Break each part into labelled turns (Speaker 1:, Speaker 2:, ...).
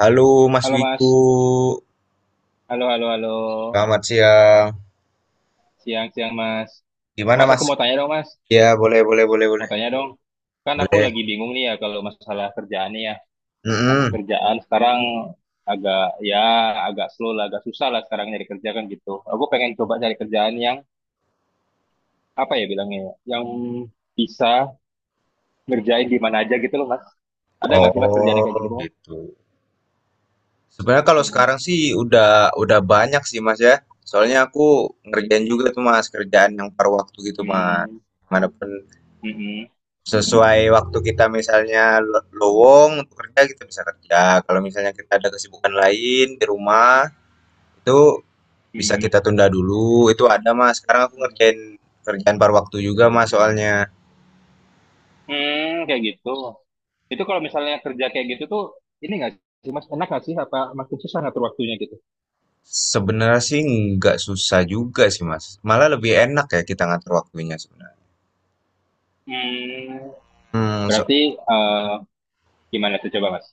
Speaker 1: Halo Mas
Speaker 2: Halo
Speaker 1: Wiku,
Speaker 2: Mas, halo halo halo,
Speaker 1: selamat siang.
Speaker 2: siang siang Mas.
Speaker 1: Gimana
Speaker 2: Mas aku
Speaker 1: Mas?
Speaker 2: mau tanya dong Mas,
Speaker 1: Ya boleh boleh boleh
Speaker 2: mau
Speaker 1: boleh
Speaker 2: tanya dong. Kan aku
Speaker 1: boleh.
Speaker 2: lagi bingung nih ya kalau masalah kerjaan nih ya. Kan
Speaker 1: Mm-mm.
Speaker 2: kerjaan sekarang agak ya agak slow lah, agak susah lah sekarang nyari kerja kan gitu. Aku pengen coba cari kerjaan yang apa ya bilangnya, ya, yang bisa ngerjain di mana aja gitu loh Mas. Ada nggak sih Mas kerjaan yang kayak
Speaker 1: Oh
Speaker 2: gitu? Mas?
Speaker 1: gitu. Sebenarnya kalau
Speaker 2: Hmm,
Speaker 1: sekarang sih udah banyak sih Mas ya. Soalnya aku ngerjain juga tuh Mas kerjaan yang paruh waktu gitu Mas.
Speaker 2: hmm,
Speaker 1: Manapun
Speaker 2: hmm,
Speaker 1: sesuai waktu kita misalnya lowong untuk kerja kita bisa kerja. Kalau misalnya kita ada kesibukan lain di rumah itu bisa
Speaker 2: hmm,
Speaker 1: kita tunda dulu, itu ada, Mas. Sekarang aku ngerjain kerjaan par waktu juga, Mas, soalnya.
Speaker 2: hmm, kayak gitu. Itu kalau misalnya kerja kayak gitu tuh, ini nggak sih mas, enak nggak sih? Apa makin susah ngatur waktunya gitu?
Speaker 1: Sebenarnya sih nggak susah juga sih, Mas. Malah lebih enak ya kita ngatur waktunya sebenarnya.
Speaker 2: Hmm,
Speaker 1: Hmm,
Speaker 2: berarti eh, gimana tuh coba mas?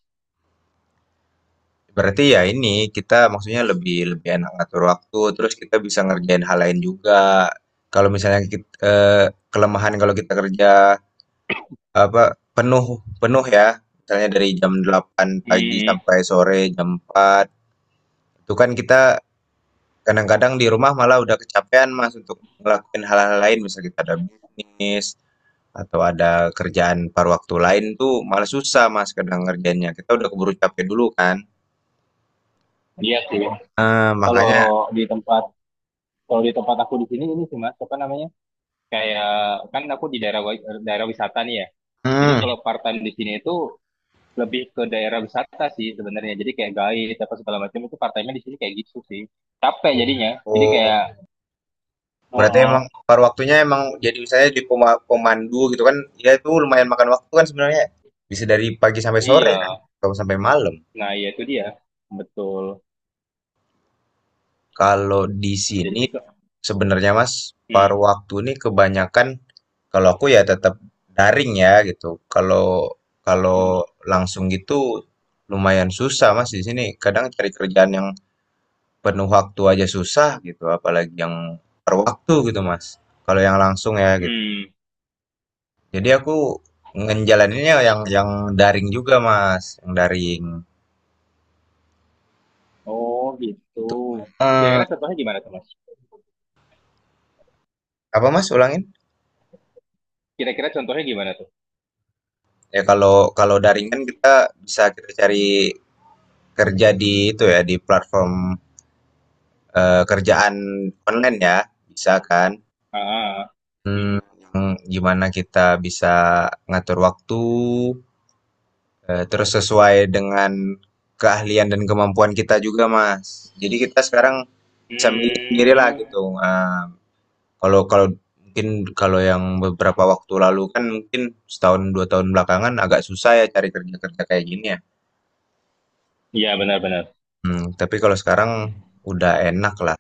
Speaker 1: berarti ya ini kita maksudnya lebih lebih enak ngatur waktu, terus kita bisa ngerjain hal lain juga. Kalau misalnya kita, kelemahan kalau kita kerja apa penuh penuh ya, misalnya dari jam 8 pagi
Speaker 2: Hmm,
Speaker 1: sampai sore jam 4 itu kan kita kadang-kadang di rumah malah udah kecapean, Mas, untuk ngelakuin hal-hal lain. Misalnya kita ada bisnis atau ada kerjaan paruh waktu lain tuh malah susah, Mas, kadang ngerjainnya. Kita udah keburu capek dulu kan.
Speaker 2: iya sih. Kalau
Speaker 1: Makanya
Speaker 2: di tempat kalau di tempat aku di sini ini sih mas, apa namanya? Kayak kan aku di daerah wisata nih ya. Jadi
Speaker 1: mhm,
Speaker 2: kalau part-time di sini itu lebih ke daerah wisata sih sebenarnya. Jadi kayak guide apa segala macam itu part-time-nya di sini kayak gitu sih. Capek jadinya. Jadi kayak,
Speaker 1: oh, berarti emang
Speaker 2: oh,
Speaker 1: paruh waktunya emang jadi misalnya di pemandu gitu kan, ya itu lumayan makan waktu kan sebenarnya. Bisa dari pagi sampai sore
Speaker 2: iya.
Speaker 1: kan, atau sampai malam.
Speaker 2: Nah, ya itu dia. Betul.
Speaker 1: Kalau di sini
Speaker 2: Jadi kok
Speaker 1: sebenarnya Mas,
Speaker 2: hmm,
Speaker 1: paruh waktu ini kebanyakan kalau aku ya tetap daring ya gitu. Kalau
Speaker 2: hmm,
Speaker 1: kalau langsung gitu lumayan susah Mas di sini. Kadang cari kerjaan yang penuh waktu aja susah gitu, apalagi yang paruh waktu gitu Mas. Kalau yang langsung ya gitu.
Speaker 2: hmm.
Speaker 1: Jadi aku ngejalaninnya yang daring juga Mas, yang daring.
Speaker 2: Oh, gitu.
Speaker 1: Tuh. Eh,
Speaker 2: Kira-kira contohnya gimana tuh, Mas?
Speaker 1: apa Mas ulangin?
Speaker 2: Kira-kira contohnya gimana tuh?
Speaker 1: Ya kalau kalau daring kan kita bisa kita cari kerja di itu ya di platform kerjaan online ya, bisa kan?
Speaker 2: Ah, ah, ah.
Speaker 1: Hmm,
Speaker 2: Hmm.
Speaker 1: yang gimana kita bisa ngatur waktu, terus sesuai dengan keahlian dan kemampuan kita juga, Mas. Jadi kita sekarang bisa milih sendiri lah
Speaker 2: Hmm.
Speaker 1: gitu, kalau kalau mungkin kalau yang beberapa waktu lalu kan mungkin setahun, 2 tahun belakangan agak susah ya cari kerja-kerja kayak gini ya.
Speaker 2: Ya, benar-benar.
Speaker 1: Mmm, tapi kalau sekarang udah enak lah.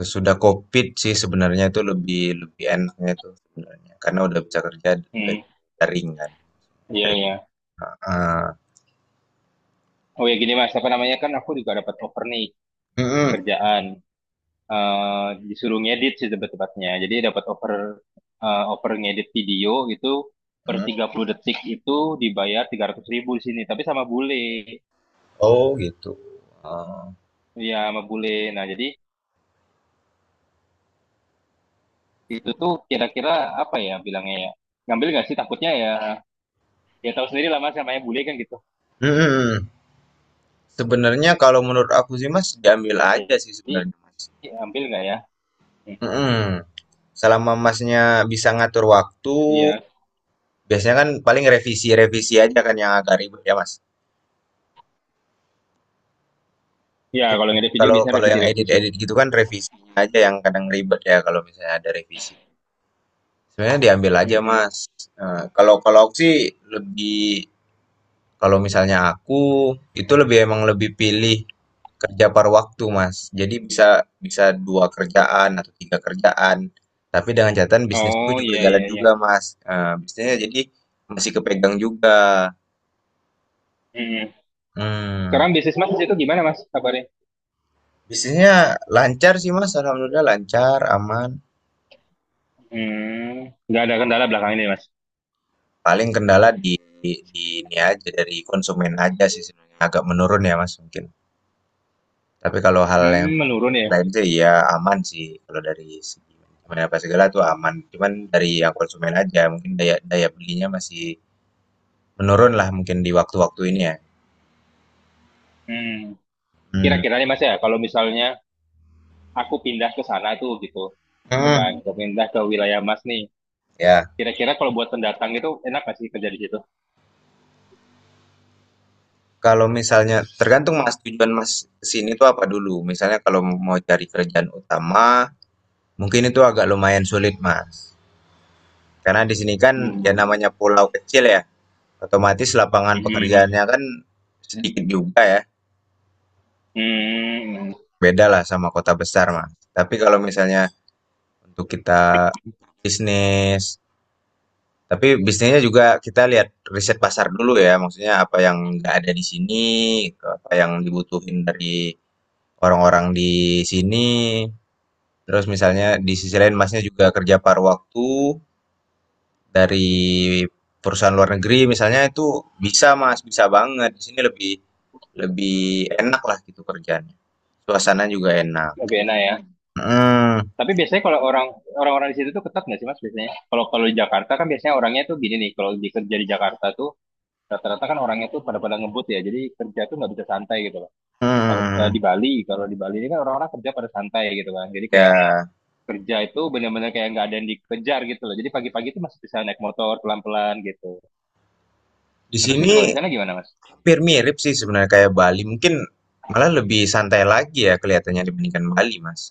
Speaker 1: Sesudah Covid sih sebenarnya itu lebih lebih enaknya tuh sebenarnya, karena udah bisa kerja dari
Speaker 2: Hmm.
Speaker 1: daring kan,
Speaker 2: Iya,
Speaker 1: dari
Speaker 2: ya.
Speaker 1: heeh,
Speaker 2: Oh ya gini, Mas, apa namanya kan aku juga dapat offer nih
Speaker 1: mhm
Speaker 2: kerjaan. Eh disuruh ngedit sih tebet-tebetnya. Jadi dapat offer offer ngedit video gitu per
Speaker 1: mhm.
Speaker 2: 30 detik itu dibayar 300 ribu di sini, tapi sama bule.
Speaker 1: Oh gitu, oh,
Speaker 2: Iya, sama bule. Nah, jadi itu tuh kira-kira apa ya bilangnya ya ngambil nggak sih takutnya ya ya tahu sendiri lah mas namanya bule kan gitu
Speaker 1: mhm. Sebenarnya kalau menurut aku sih Mas, diambil aja sih
Speaker 2: jadi
Speaker 1: sebenarnya Mas,
Speaker 2: ambil nggak ya. Hmm,
Speaker 1: mhm. Selama Masnya bisa ngatur waktu,
Speaker 2: iya
Speaker 1: biasanya kan paling revisi-revisi aja kan yang agak ribet ya Mas?
Speaker 2: iya
Speaker 1: Iya,
Speaker 2: kalau ngedit video
Speaker 1: kalau
Speaker 2: biasanya
Speaker 1: kalau yang
Speaker 2: revisi-revisi sih.
Speaker 1: edit-edit gitu kan revisinya aja yang kadang ribet ya kalau misalnya ada revisi. Sebenarnya diambil aja,
Speaker 2: Mm-mm.
Speaker 1: Mas. Kalau kalau aku sih lebih kalau misalnya aku itu lebih emang lebih pilih kerja par waktu, Mas. Jadi bisa bisa dua kerjaan atau tiga kerjaan. Tapi dengan catatan bisnisku
Speaker 2: Oh
Speaker 1: juga
Speaker 2: iya iya
Speaker 1: jalan
Speaker 2: iya.
Speaker 1: juga, Mas. Bisnisnya jadi masih kepegang juga.
Speaker 2: Mm-mm.
Speaker 1: Mmm,
Speaker 2: Sekarang bisnis mas di situ gimana mas kabarnya.
Speaker 1: bisnisnya lancar sih, Mas, alhamdulillah lancar, aman.
Speaker 2: Hmm, nggak ada kendala belakang ini mas.
Speaker 1: Paling kendala di di ini aja, dari konsumen aja sih sebenarnya, agak menurun ya, Mas, mungkin. Tapi kalau hal yang
Speaker 2: Hmm, menurun ya.
Speaker 1: lain itu ya aman sih kalau dari segi manajemen apa segala tuh aman. Cuman dari yang konsumen aja mungkin daya daya belinya masih menurun lah mungkin di waktu-waktu ini ya.
Speaker 2: Hmm,
Speaker 1: Hmm.
Speaker 2: kira-kira nih mas ya kalau misalnya aku pindah ke sana tuh gitu, ya kan,
Speaker 1: Hmm.
Speaker 2: pindah ke wilayah mas nih,
Speaker 1: Ya.
Speaker 2: kira-kira kalau buat pendatang itu enak nggak sih kerja di situ.
Speaker 1: Kalau misalnya tergantung Mas tujuan Mas kesini tuh apa dulu. Misalnya kalau mau cari kerjaan utama mungkin itu agak lumayan sulit Mas. Karena di sini kan
Speaker 2: Hmm.
Speaker 1: ya namanya pulau kecil ya. Otomatis lapangan
Speaker 2: Mhm,
Speaker 1: pekerjaannya kan sedikit juga ya.
Speaker 2: hmm,
Speaker 1: Beda lah sama kota besar mah. Tapi kalau misalnya untuk kita bisnis, tapi bisnisnya juga kita lihat riset pasar dulu ya, maksudnya apa yang nggak ada di sini, apa yang dibutuhin dari orang-orang di sini. Terus misalnya di sisi lain Masnya juga kerja paruh waktu dari perusahaan luar negeri misalnya itu bisa Mas, bisa banget. Di sini lebih lebih enak lah gitu kerjanya. Suasana juga enak.
Speaker 2: lebih enak ya.
Speaker 1: Mhm,
Speaker 2: Tapi biasanya kalau orang-orang di situ tuh ketat nggak sih Mas biasanya? Kalau kalau di Jakarta kan biasanya orangnya tuh gini nih, kalau di kerja di Jakarta tuh rata-rata kan orangnya tuh pada-pada ngebut ya, jadi kerja tuh nggak bisa santai gitu loh. Kalau misalnya
Speaker 1: mhm.
Speaker 2: di Bali, kalau di Bali ini kan orang-orang kerja pada santai gitu kan, jadi kayak
Speaker 1: Ya,
Speaker 2: kerja itu bener-bener kayak nggak ada yang dikejar gitu loh. Jadi pagi-pagi tuh masih bisa naik motor pelan-pelan gitu.
Speaker 1: di
Speaker 2: Nah, terus sih
Speaker 1: sini
Speaker 2: kalau di sana gimana Mas?
Speaker 1: hampir mirip sih sebenarnya kayak Bali. Mungkin malah lebih santai lagi ya kelihatannya dibandingkan Bali, Mas.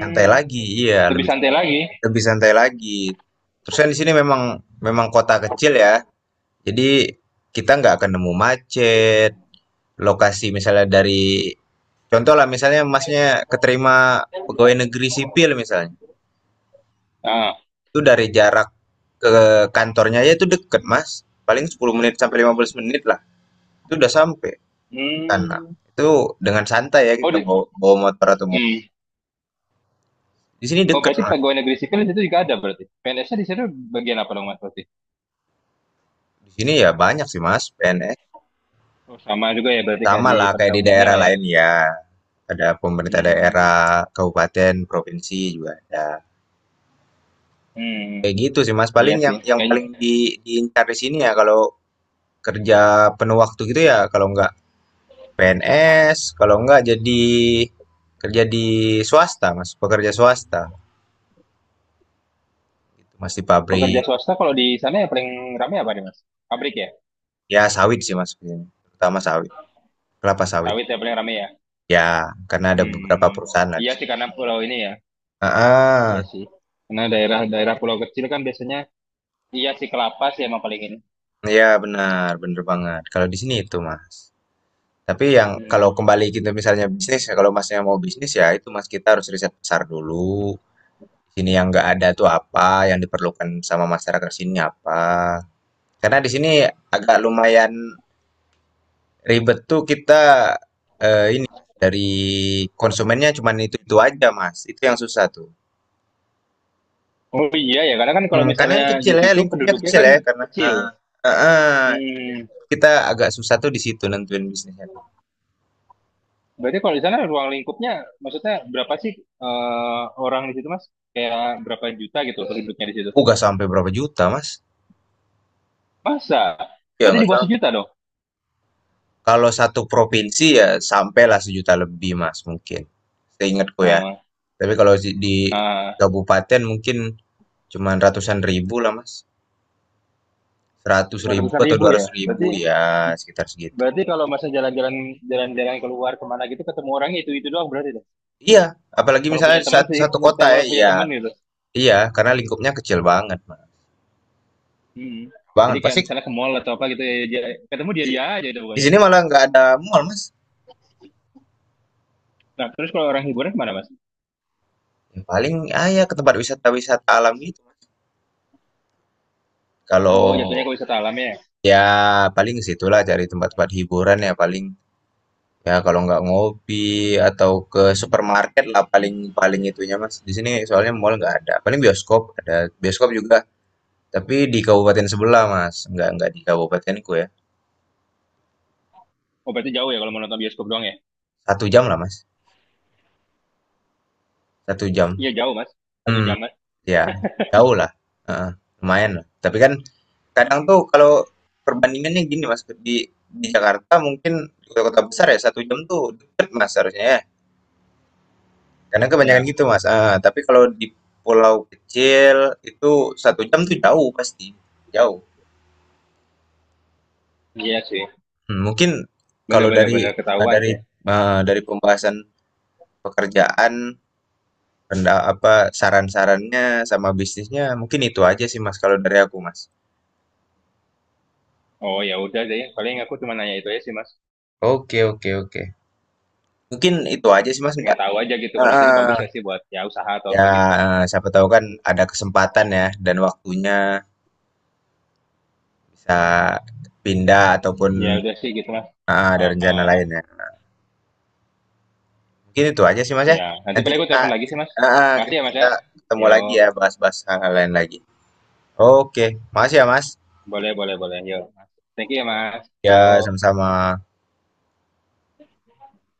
Speaker 1: Santai lagi, iya,
Speaker 2: lebih
Speaker 1: lebih
Speaker 2: santai lagi.
Speaker 1: lebih santai lagi. Terus kan di sini memang memang kota kecil ya. Jadi kita nggak akan nemu macet. Lokasi misalnya dari contoh lah misalnya Masnya keterima pegawai negeri sipil misalnya.
Speaker 2: Ah,
Speaker 1: Itu dari jarak ke kantornya aja itu deket, Mas. Paling 10 menit sampai 15 menit lah. Itu udah sampai. Tanah.
Speaker 2: hmm.
Speaker 1: Itu dengan santai ya
Speaker 2: Oh,
Speaker 1: kita
Speaker 2: di,
Speaker 1: bawa, bawa motor atau mobil.
Speaker 2: hmm.
Speaker 1: Di sini
Speaker 2: Oh,
Speaker 1: deket
Speaker 2: berarti
Speaker 1: Mas.
Speaker 2: pegawai negeri sipil itu juga ada berarti. PNS-nya di situ bagian apa dong Mas berarti?
Speaker 1: Di sini ya banyak sih Mas PNS.
Speaker 2: Oh, sama. Sama juga ya berarti kayak
Speaker 1: Sama
Speaker 2: di
Speaker 1: lah kayak
Speaker 2: pada
Speaker 1: di
Speaker 2: umumnya
Speaker 1: daerah
Speaker 2: lah ya.
Speaker 1: lain ya. Ada pemerintah
Speaker 2: Hmm.
Speaker 1: daerah, kabupaten, provinsi juga ada.
Speaker 2: Hmm.
Speaker 1: Kayak gitu sih Mas.
Speaker 2: Iya
Speaker 1: Paling yang
Speaker 2: sih.
Speaker 1: yang
Speaker 2: Kayaknya
Speaker 1: paling di, diincar di sini ya kalau kerja penuh waktu gitu ya kalau nggak PNS, kalau nggak jadi kerja di swasta Mas, pekerja swasta. Gitu, Mas di
Speaker 2: pekerja
Speaker 1: pabrik.
Speaker 2: swasta kalau di sana yang paling ramai apa nih Mas? Pabrik ya?
Speaker 1: Ya sawit sih Mas, terutama sawit, kelapa sawit.
Speaker 2: Sawit ya paling ramai ya?
Speaker 1: Ya, karena ada beberapa
Speaker 2: Hmm.
Speaker 1: perusahaan lah di
Speaker 2: Iya sih
Speaker 1: sini.
Speaker 2: karena pulau ini ya.
Speaker 1: Ah,
Speaker 2: Iya sih. Karena daerah-daerah pulau kecil kan biasanya iya sih kelapa sih emang paling ini.
Speaker 1: ya benar, bener banget. Kalau di sini itu, Mas. Tapi yang kalau
Speaker 2: Hmm.
Speaker 1: kembali gitu misalnya bisnis, ya kalau Masnya mau bisnis ya itu Mas kita harus riset pasar dulu. Di sini yang nggak ada tuh apa, yang diperlukan sama masyarakat sini apa. Karena di sini agak lumayan ribet tuh kita eh, dari konsumennya cuman itu-itu aja, Mas. Itu yang susah tuh.
Speaker 2: Oh iya ya, karena kan kalau
Speaker 1: Hmm, karena
Speaker 2: misalnya
Speaker 1: kan
Speaker 2: di
Speaker 1: kecil ya,
Speaker 2: situ
Speaker 1: lingkupnya
Speaker 2: penduduknya
Speaker 1: kecil
Speaker 2: kan
Speaker 1: ya karena
Speaker 2: kecil.
Speaker 1: heeh, heeh,
Speaker 2: Hmm.
Speaker 1: kita agak susah tuh di situ nentuin bisnisnya tuh.
Speaker 2: Berarti kalau di sana ruang lingkupnya, maksudnya berapa sih orang di situ, Mas? Kayak berapa juta gitu penduduknya di situ?
Speaker 1: Oh, nggak sampai berapa juta, Mas.
Speaker 2: Masa?
Speaker 1: Ya
Speaker 2: Berarti di
Speaker 1: nggak
Speaker 2: bawah
Speaker 1: sam
Speaker 2: sejuta dong.
Speaker 1: kalau satu provinsi ya sampailah sejuta lebih, Mas, mungkin. Seingatku ya.
Speaker 2: Eh,
Speaker 1: Tapi kalau di
Speaker 2: eh,
Speaker 1: kabupaten mungkin cuman ratusan ribu lah, Mas. Seratus
Speaker 2: cuma
Speaker 1: ribu
Speaker 2: ratusan
Speaker 1: atau
Speaker 2: ribu
Speaker 1: dua
Speaker 2: ya.
Speaker 1: ratus ribu
Speaker 2: Berarti
Speaker 1: ya sekitar segitu.
Speaker 2: berarti kalau masa jalan-jalan keluar kemana gitu ketemu orangnya itu doang berarti dong.
Speaker 1: Iya, apalagi
Speaker 2: Kalau
Speaker 1: misalnya
Speaker 2: punya teman sih,
Speaker 1: satu kota ya,
Speaker 2: kalau punya
Speaker 1: iya.
Speaker 2: teman gitu.
Speaker 1: Iya, karena lingkupnya kecil banget, Mas.
Speaker 2: Hmm. Jadi
Speaker 1: Banget.
Speaker 2: kayak
Speaker 1: Pasti
Speaker 2: misalnya ke mall atau apa gitu ya, dia, ketemu dia
Speaker 1: di,
Speaker 2: dia aja itu
Speaker 1: di
Speaker 2: pokoknya.
Speaker 1: sini malah nggak ada mall, Mas.
Speaker 2: Nah, terus kalau orang hiburan kemana, Mas?
Speaker 1: Yang paling ah ya ke tempat wisata-wisata alam gitu, Mas.
Speaker 2: Oh,
Speaker 1: Kalau
Speaker 2: jatuhnya ke wisata alam ya.
Speaker 1: ya, paling situlah cari tempat-tempat hiburan ya paling. Ya kalau nggak ngopi atau ke supermarket lah paling paling itunya Mas. Di sini soalnya mall nggak ada. Paling bioskop ada bioskop juga, tapi di kabupaten sebelah Mas. Nggak di kabupatenku ya.
Speaker 2: Oh, berarti jauh ya kalau mau nonton bioskop doang ya?
Speaker 1: Satu jam lah Mas. Satu jam.
Speaker 2: Iya, jauh, Mas. Satu
Speaker 1: Hmm,
Speaker 2: jam, Mas.
Speaker 1: ya jauh lah. Heeh, lumayan lah. Tapi kan kadang tuh kalau perbandingannya gini Mas di Jakarta mungkin di kota-kota besar ya satu jam tuh deket Mas harusnya ya. Karena kebanyakan
Speaker 2: Ya.
Speaker 1: gitu, Mas, ah tapi kalau di pulau kecil itu satu jam tuh jauh pasti, jauh.
Speaker 2: Iya sih,
Speaker 1: Mmm, mungkin kalau dari,
Speaker 2: bener-bener
Speaker 1: ah,
Speaker 2: ketahuan
Speaker 1: dari,
Speaker 2: sih.
Speaker 1: dari pembahasan pekerjaan, renda apa, saran-sarannya sama bisnisnya mungkin itu aja sih, Mas, kalau dari aku, Mas.
Speaker 2: Oh ya udah deh, paling aku cuma nanya itu aja sih mas.
Speaker 1: Oke oke oke. Mungkin itu aja sih, Mas,
Speaker 2: Pengen
Speaker 1: nggak
Speaker 2: tahu aja gitu kalau di situ bagus
Speaker 1: ah
Speaker 2: gak sih buat ya usaha atau
Speaker 1: ya,
Speaker 2: apa gitu.
Speaker 1: siapa tahu kan ada kesempatan ya dan waktunya bisa pindah ataupun
Speaker 2: Ya udah sih gitu mas.
Speaker 1: heeh,
Speaker 2: Oh
Speaker 1: ada rencana
Speaker 2: oh, oh.
Speaker 1: lain ya. Mungkin itu aja sih Mas ya.
Speaker 2: Ya nanti
Speaker 1: Nanti
Speaker 2: paling aku
Speaker 1: kita
Speaker 2: telepon lagi sih mas.
Speaker 1: ah,
Speaker 2: Masih ya mas
Speaker 1: kita
Speaker 2: ya.
Speaker 1: ketemu
Speaker 2: Yo,
Speaker 1: lagi ya bahas-bahas hal lain lagi. Oke, makasih ya Mas.
Speaker 2: boleh boleh boleh. Yo, mas. Thank you ya mas.
Speaker 1: Ya,
Speaker 2: Yo.
Speaker 1: sama-sama.